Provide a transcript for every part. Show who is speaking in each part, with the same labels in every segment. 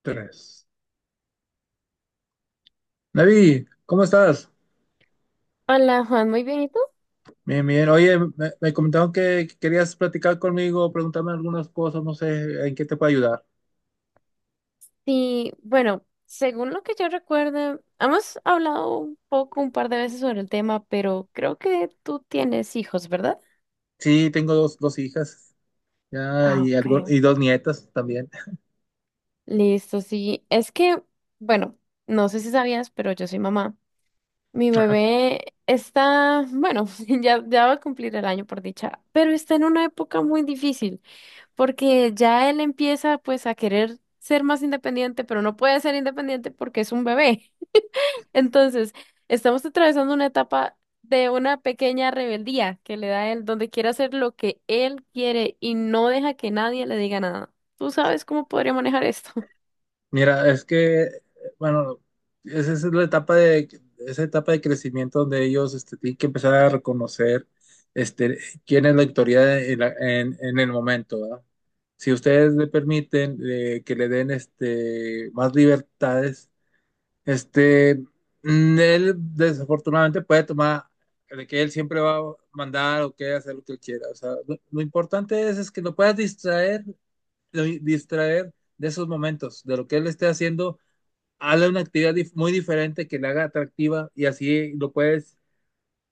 Speaker 1: Tres. David, ¿cómo estás?
Speaker 2: Hola Juan, muy bien, ¿y tú?
Speaker 1: Bien, bien. Oye, me comentaron que querías platicar conmigo, preguntarme algunas cosas, no sé, ¿en qué te puedo ayudar?
Speaker 2: Sí, bueno, según lo que yo recuerdo, hemos hablado un poco, un par de veces sobre el tema, pero creo que tú tienes hijos, ¿verdad?
Speaker 1: Sí, tengo dos hijas, ya,
Speaker 2: Ah, ok.
Speaker 1: y dos nietas también.
Speaker 2: Listo, sí. Es que, bueno, no sé si sabías, pero yo soy mamá. Mi
Speaker 1: Ajá.
Speaker 2: bebé está, bueno, ya va a cumplir el año por dicha, pero está en una época muy difícil, porque ya él empieza pues a querer ser más independiente, pero no puede ser independiente porque es un bebé. Entonces, estamos atravesando una etapa de una pequeña rebeldía que le da él, donde quiere hacer lo que él quiere y no deja que nadie le diga nada. ¿Tú sabes cómo podría manejar esto?
Speaker 1: Mira, es que, bueno, esa es la etapa de, esa etapa de crecimiento donde ellos tienen que empezar a reconocer este, quién es la autoridad en el momento, ¿verdad? Si ustedes le permiten que le den más libertades. Este, Él desafortunadamente puede tomar de que él siempre va a mandar o que hacer lo que él quiera. O sea, lo importante es que lo puedas distraer, distraer de esos momentos, de lo que él esté haciendo. Hazle una actividad muy diferente que le haga atractiva y así lo puedes,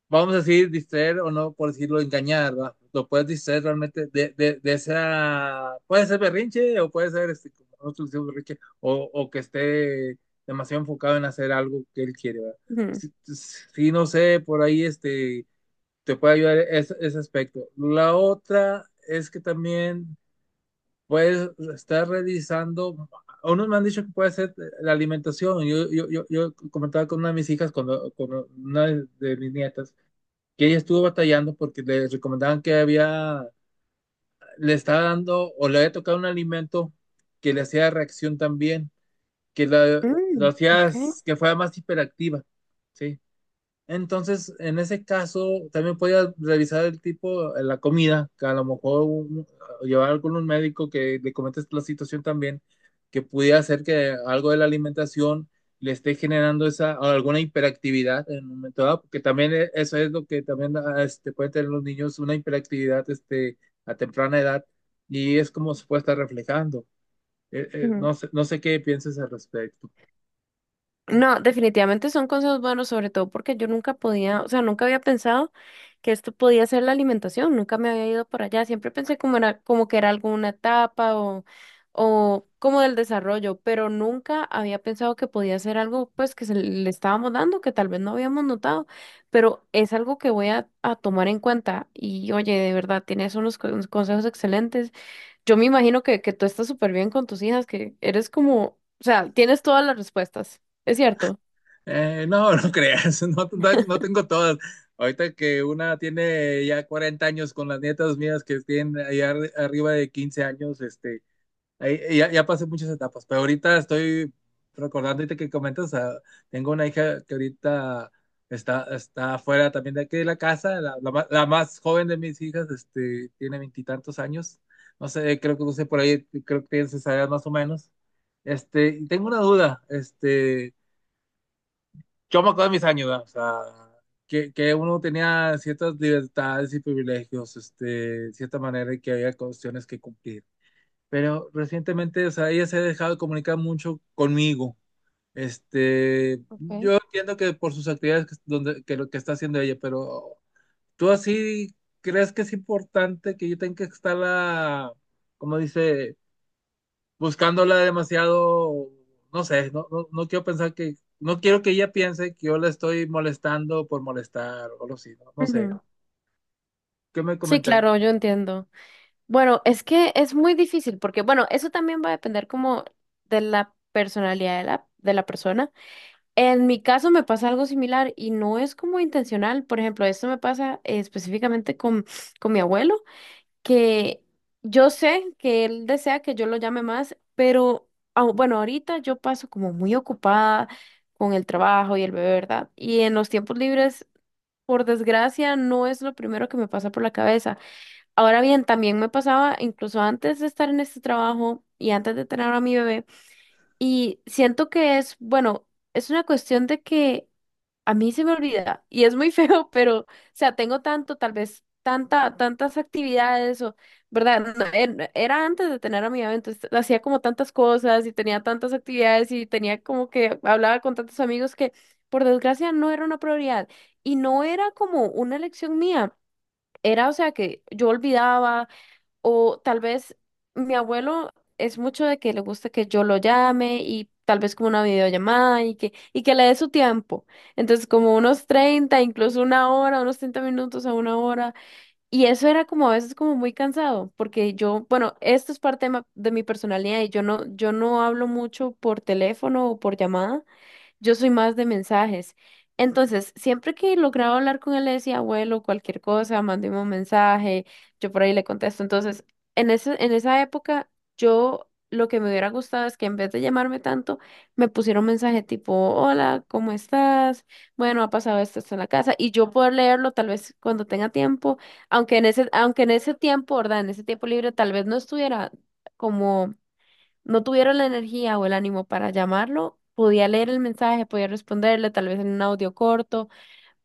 Speaker 1: vamos a decir, distraer o, no, por decirlo, engañar, ¿verdad? Lo puedes distraer realmente de esa, puede ser berrinche o puede ser, como nosotros decimos, berrinche, o que esté demasiado enfocado en hacer algo que él quiere, ¿verdad?
Speaker 2: Ujú.
Speaker 1: Sí, sí, no sé, por ahí te puede ayudar ese aspecto. La otra es que también puedes estar revisando. Unos me han dicho que puede ser la alimentación. Yo comentaba con una de mis hijas, cuando, con una de mis nietas, que ella estuvo batallando porque le recomendaban que había, le estaba dando o le había tocado un alimento que le hacía reacción también, que la- lo
Speaker 2: Mm,
Speaker 1: hacía, que fuera más hiperactiva, ¿sí? Entonces, en ese caso, también podía revisar el tipo, la comida, que a lo mejor llevar con un médico que le comentes la situación también, que pudiera hacer que algo de la alimentación le esté generando esa o alguna hiperactividad en un momento dado, porque también, eso es lo que también, pueden tener los niños, una hiperactividad, a temprana edad, y es como se puede estar reflejando.
Speaker 2: ok.
Speaker 1: No sé, no sé qué piensas al respecto.
Speaker 2: No, definitivamente son consejos buenos, sobre todo porque yo nunca podía, o sea, nunca había pensado que esto podía ser la alimentación, nunca me había ido por allá, siempre pensé como era, como que era alguna etapa o como del desarrollo, pero nunca había pensado que podía ser algo pues que se le estábamos dando, que tal vez no habíamos notado, pero es algo que voy a tomar en cuenta y oye, de verdad, tienes unos consejos excelentes. Yo me imagino que tú estás súper bien con tus hijas, que eres como, o sea, tienes todas las respuestas, ¿es cierto?
Speaker 1: No, no creas, no, no, no tengo todas. Ahorita que una tiene ya 40 años, con las nietas mías que tienen allá arriba de 15 años, ahí ya, ya pasé muchas etapas, pero ahorita estoy recordando, ahorita que comentas, tengo una hija que ahorita está afuera también de aquí de la casa. La más joven de mis hijas, tiene veintitantos años, no sé, creo que no sé por ahí, creo que tienes esa edad más o menos. Y tengo una duda. Yo me acuerdo de mis años, ¿verdad? O sea, que uno tenía ciertas libertades y privilegios, de cierta manera, y que había cuestiones que cumplir. Pero recientemente, o sea, ella se ha dejado de comunicar mucho conmigo.
Speaker 2: Okay.
Speaker 1: Yo entiendo que por sus actividades, que donde, que lo que está haciendo ella, pero tú, así, ¿crees que es importante que yo tenga que estarla, como dice, buscándola demasiado? No sé, no quiero pensar que, no quiero que ella piense que yo la estoy molestando por molestar o algo así, no, no sé,
Speaker 2: Ujú.
Speaker 1: ¿qué me
Speaker 2: Sí,
Speaker 1: comentaría?
Speaker 2: claro, yo entiendo. Bueno, es que es muy difícil porque, bueno, eso también va a depender como de la personalidad de la persona. En mi caso me pasa algo similar y no es como intencional. Por ejemplo, esto me pasa específicamente con mi abuelo, que yo sé que él desea que yo lo llame más, pero bueno, ahorita yo paso como muy ocupada con el trabajo y el bebé, ¿verdad? Y en los tiempos libres, por desgracia, no es lo primero que me pasa por la cabeza. Ahora bien, también me pasaba incluso antes de estar en este trabajo y antes de tener a mi bebé, y siento que es, bueno, es una cuestión de que... A mí se me olvida y es muy feo, pero, o sea, tengo tanto, tal vez, tanta, tantas actividades o, ¿verdad? No, en... Era antes de tener a mi bebé, entonces hacía como tantas cosas y tenía tantas actividades y tenía como que hablaba con tantos amigos que, por desgracia, no era una prioridad y no era como una elección mía. Era, o sea, que yo olvidaba, o tal vez mi abuelo es mucho de que le gusta que yo lo llame y tal vez como una videollamada y que le dé su tiempo. Entonces como unos 30 incluso una hora, unos 30 minutos a una hora. Y eso era como a veces como muy cansado, porque yo, bueno, esto es parte de de mi personalidad y yo no hablo mucho por teléfono o por llamada. Yo soy más de mensajes. Entonces, siempre que lograba hablar con él, le decía, abuelo, cualquier cosa, mándeme un mensaje, yo por ahí le contesto. Entonces, en esa época, yo lo que me hubiera gustado es que en vez de llamarme tanto, me pusiera un mensaje tipo, hola, ¿cómo estás? Bueno, ha pasado esto, esto en la casa, y yo poder leerlo tal vez cuando tenga tiempo, aunque en ese tiempo, ¿verdad? En ese tiempo libre, tal vez no estuviera como no tuviera la energía o el ánimo para llamarlo, podía leer el mensaje, podía responderle, tal vez en un audio corto,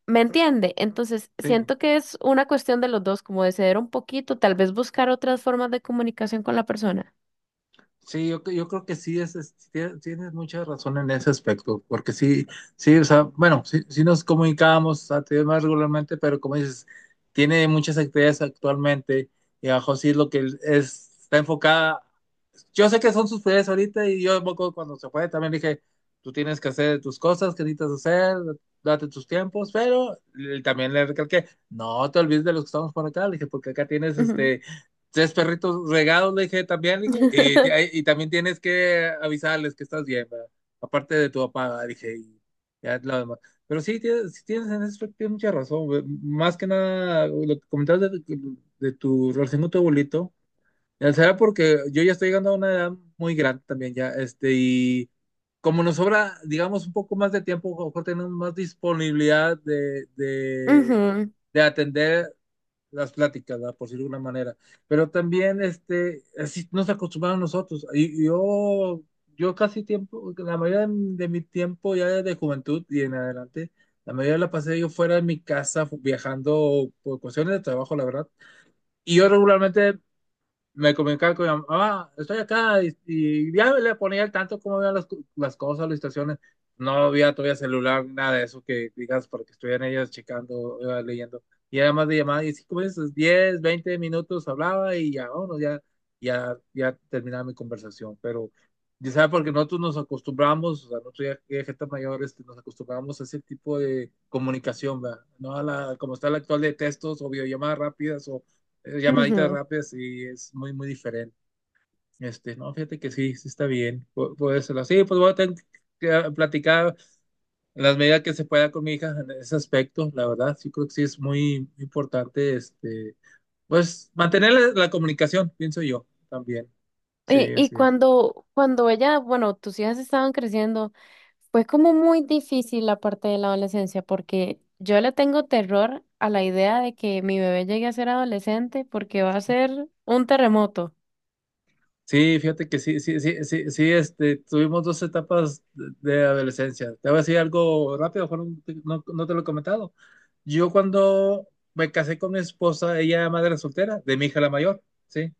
Speaker 2: ¿me entiende? Entonces,
Speaker 1: Sí,
Speaker 2: siento que es una cuestión de los dos, como de ceder un poquito, tal vez buscar otras formas de comunicación con la persona.
Speaker 1: sí, yo creo que sí. Tienes mucha razón en ese aspecto, porque sí, sí, o sea, bueno, sí, nos comunicábamos antes más regularmente, pero como dices, tiene muchas actividades actualmente, y abajo sí es lo que es, está enfocada. Yo sé que son sus prioridades ahorita, y yo cuando se fue también dije, tú tienes que hacer tus cosas que necesitas hacer, date tus tiempos, pero también le recalqué, no te olvides de los que estamos por acá, le dije, porque acá tienes
Speaker 2: Ujú.
Speaker 1: tres perritos regados, le dije también, y también tienes que avisarles que estás bien, ¿verdad? Aparte de tu papá, le dije, y ya lo demás. Pero sí, sí tienes, en eso tienes mucha razón, güey. Más que nada, lo que comentabas de, tu relación con tu abuelito. Ya será porque yo ya estoy llegando a una edad muy grande también ya, y como nos sobra, digamos, un poco más de tiempo, a lo mejor tenemos más disponibilidad de, de,
Speaker 2: Ujú,
Speaker 1: de atender las pláticas, ¿verdad? Por decirlo de alguna manera. Pero también, así nos acostumbramos nosotros. Y yo, yo casi tiempo, la mayoría de mi tiempo ya de juventud y en adelante, la mayoría la pasé yo fuera de mi casa, viajando por cuestiones de trabajo, la verdad. Y yo regularmente me comunicaba con mi mamá, "Ah, estoy acá", y ya le ponía al tanto cómo vean las, las cosas, las situaciones. No había todavía celular, nada de eso, que digas, para que estuvieran ellas checando, leyendo. Y era más de llamada, y sí, como veces, 10, 20 minutos hablaba y ya, vámonos, ya terminaba mi conversación. Pero ya sabes, porque nosotros nos acostumbramos, o sea, nosotros ya, ya gente mayor, nos acostumbramos a ese tipo de comunicación, ¿verdad? No a la, como está la actual, de textos o videollamadas rápidas o, llamaditas
Speaker 2: ujú.
Speaker 1: rápidas, y es muy, muy diferente. No, fíjate que sí, sí está bien. Puede serlo. Sí, pues voy a tener que, platicar en las medidas que se pueda con mi hija en ese aspecto, la verdad. Sí, creo que sí es muy importante, pues mantener la comunicación, pienso yo también. Sí,
Speaker 2: Y
Speaker 1: así es.
Speaker 2: cuando, cuando ella, bueno, tus hijas estaban creciendo, fue como muy difícil la parte de la adolescencia, porque yo le tengo terror a la idea de que mi bebé llegue a ser adolescente porque va a ser un terremoto.
Speaker 1: Sí, fíjate que sí, tuvimos dos etapas de adolescencia. Te voy a decir algo rápido, no, no te lo he comentado. Yo cuando me casé con mi esposa, ella era madre soltera, de mi hija la mayor, ¿sí?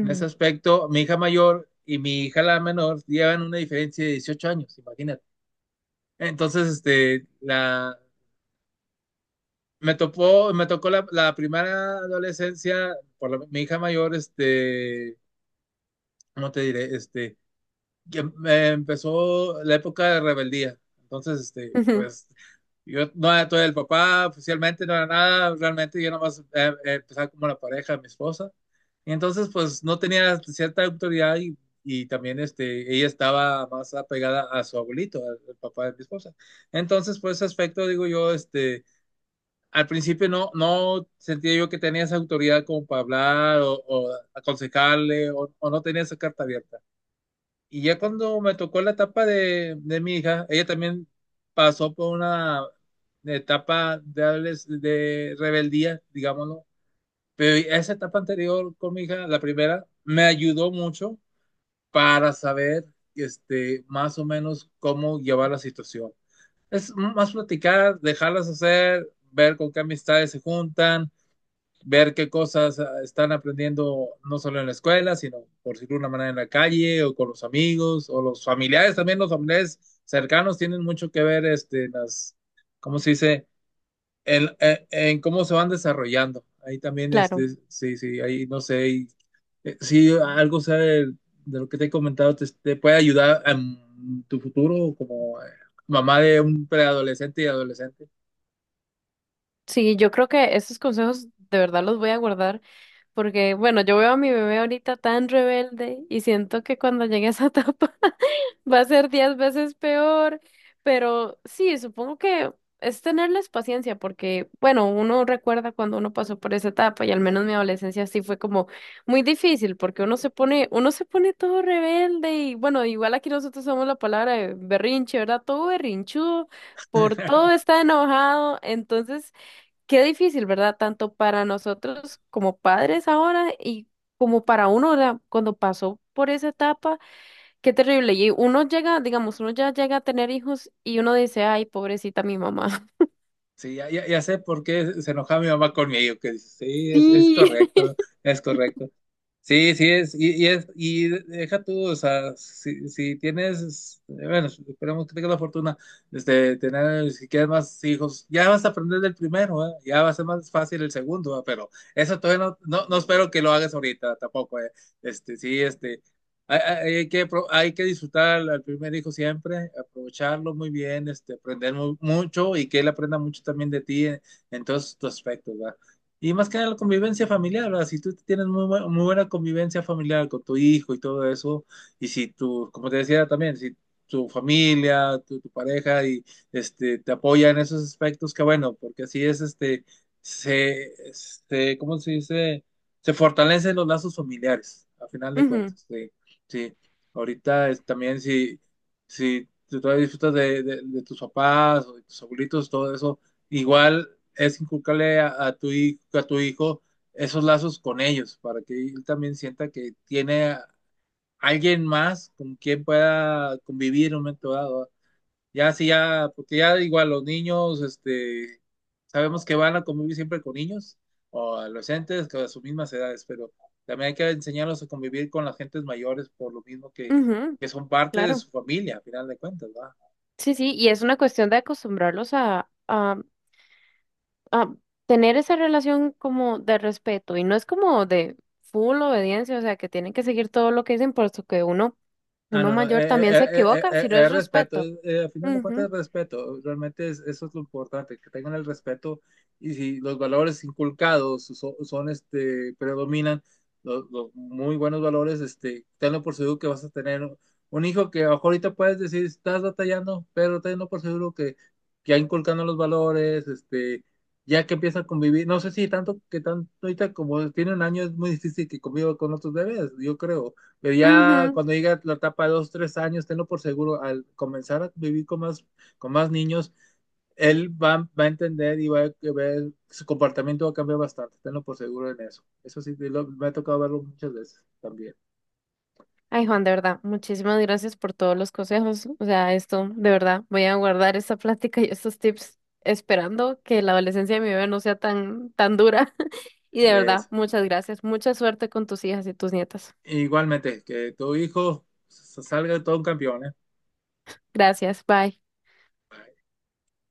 Speaker 1: En ese aspecto, mi hija mayor y mi hija la menor llevan una diferencia de 18 años, imagínate. Entonces, me tocó la primera adolescencia por mi hija mayor. ¿Cómo te diré? Que, Empezó la época de rebeldía. Entonces, pues yo no era todo el papá, oficialmente no era nada, realmente yo nomás, empezaba como la pareja de mi esposa. Y entonces, pues no tenía cierta autoridad, y también, ella estaba más apegada a su abuelito, al papá de mi esposa. Entonces, por ese aspecto, digo yo, al principio no, sentía yo que tenía esa autoridad como para hablar, o, aconsejarle, no tenía esa carta abierta. Y ya cuando me tocó la etapa de mi hija, ella también pasó por una etapa de, de rebeldía, digámoslo. Pero esa etapa anterior con mi hija, la primera, me ayudó mucho para saber, más o menos cómo llevar la situación. Es más platicar, dejarlas hacer, ver con qué amistades se juntan, ver qué cosas, están aprendiendo, no solo en la escuela, sino, por decirlo de una manera, en la calle o con los amigos o los familiares. También los familiares cercanos tienen mucho que ver, ¿cómo se dice? En cómo se van desarrollando. Ahí también,
Speaker 2: Claro.
Speaker 1: sí, sí, ahí no sé, si algo sea lo que te he comentado, te puede ayudar en tu futuro como, mamá de un preadolescente y adolescente.
Speaker 2: Sí, yo creo que esos consejos de verdad los voy a guardar porque, bueno, yo veo a mi bebé ahorita tan rebelde y siento que cuando llegue a esa etapa va a ser 10 veces peor, pero sí, supongo que es tenerles paciencia porque, bueno, uno recuerda cuando uno pasó por esa etapa y al menos mi adolescencia sí fue como muy difícil porque uno se pone todo rebelde y, bueno, igual aquí nosotros somos la palabra de berrinche, ¿verdad? Todo berrinchudo por todo está enojado, entonces... Qué difícil, ¿verdad? Tanto para nosotros como padres ahora y como para uno, ¿verdad? Cuando pasó por esa etapa, qué terrible. Y uno llega, digamos, uno ya llega a tener hijos y uno dice, ay, pobrecita mi mamá.
Speaker 1: Sí, ya, ya sé por qué se enojaba mi mamá conmigo, que dice, sí, es
Speaker 2: Sí.
Speaker 1: correcto, es correcto. Sí, sí es, y deja tú, o sea, si, tienes, bueno, esperemos que tengas la fortuna, si quieres más hijos, ya vas a aprender del primero, ¿eh? Ya va a ser más fácil el segundo, ¿eh? Pero eso todavía no, espero que lo hagas ahorita tampoco, ¿eh? Este, sí, este, Hay, hay que, hay que disfrutar al primer hijo siempre, aprovecharlo muy bien, aprender, mucho, y que él aprenda mucho también de ti en, todos tus aspectos, ¿verdad? Y más que nada la convivencia familiar, ¿verdad? Si tú tienes muy, muy buena convivencia familiar con tu hijo y todo eso, y si tú, como te decía también, si tu familia, tu pareja te apoya en esos aspectos, que bueno, porque así es este se este, ¿cómo se dice? Se fortalecen los lazos familiares, a final de
Speaker 2: Ujú,
Speaker 1: cuentas. Sí. Sí. Ahorita es también, si, si tú todavía disfrutas de, de tus papás o de tus abuelitos, todo eso, igual es inculcarle a tu hijo, esos lazos con ellos, para que él también sienta que tiene a alguien más con quien pueda convivir en un momento dado. Ya sí, ya, porque ya igual los niños, sabemos que van a convivir siempre con niños o adolescentes que a sus mismas edades, pero también hay que enseñarlos a convivir con las gentes mayores, por lo mismo
Speaker 2: ujú,
Speaker 1: que son parte de
Speaker 2: claro.
Speaker 1: su familia, a final de cuentas, ¿verdad?
Speaker 2: Sí, sí, y es una cuestión de acostumbrarlos a, a tener esa relación como de respeto y no es como de full obediencia, o sea, que tienen que seguir todo lo que dicen, puesto que uno,
Speaker 1: Ah,
Speaker 2: uno
Speaker 1: no,
Speaker 2: mayor también se equivoca si no es
Speaker 1: respeto,
Speaker 2: respeto.
Speaker 1: a final de cuentas es respeto, realmente es, eso es lo importante, que tengan el respeto. Y si los valores inculcados son, predominan, los muy buenos valores, tenlo por seguro que vas a tener un hijo que a lo mejor ahorita puedes decir, estás batallando, pero tenlo por seguro que, ya inculcando los valores, ya que empieza a convivir, no sé si tanto, que tanto ahorita, como tiene 1 año, es muy difícil que conviva con otros bebés, yo creo, pero ya
Speaker 2: Ujú.
Speaker 1: cuando llega la etapa de 2, 3 años, tenlo por seguro, al comenzar a vivir con más, niños, él va, a entender y va a ver, su comportamiento va a cambiar bastante, tenlo por seguro en eso. Eso sí, me ha tocado verlo muchas veces también.
Speaker 2: Ay, Juan, de verdad, muchísimas gracias por todos los consejos. O sea, esto, de verdad, voy a guardar esta plática y estos tips, esperando que la adolescencia de mi bebé no sea tan, tan dura. Y de verdad,
Speaker 1: Es-
Speaker 2: muchas gracias. Mucha suerte con tus hijas y tus nietas.
Speaker 1: Igualmente, que tu hijo, salga todo un campeón, ¿eh?
Speaker 2: Gracias, bye.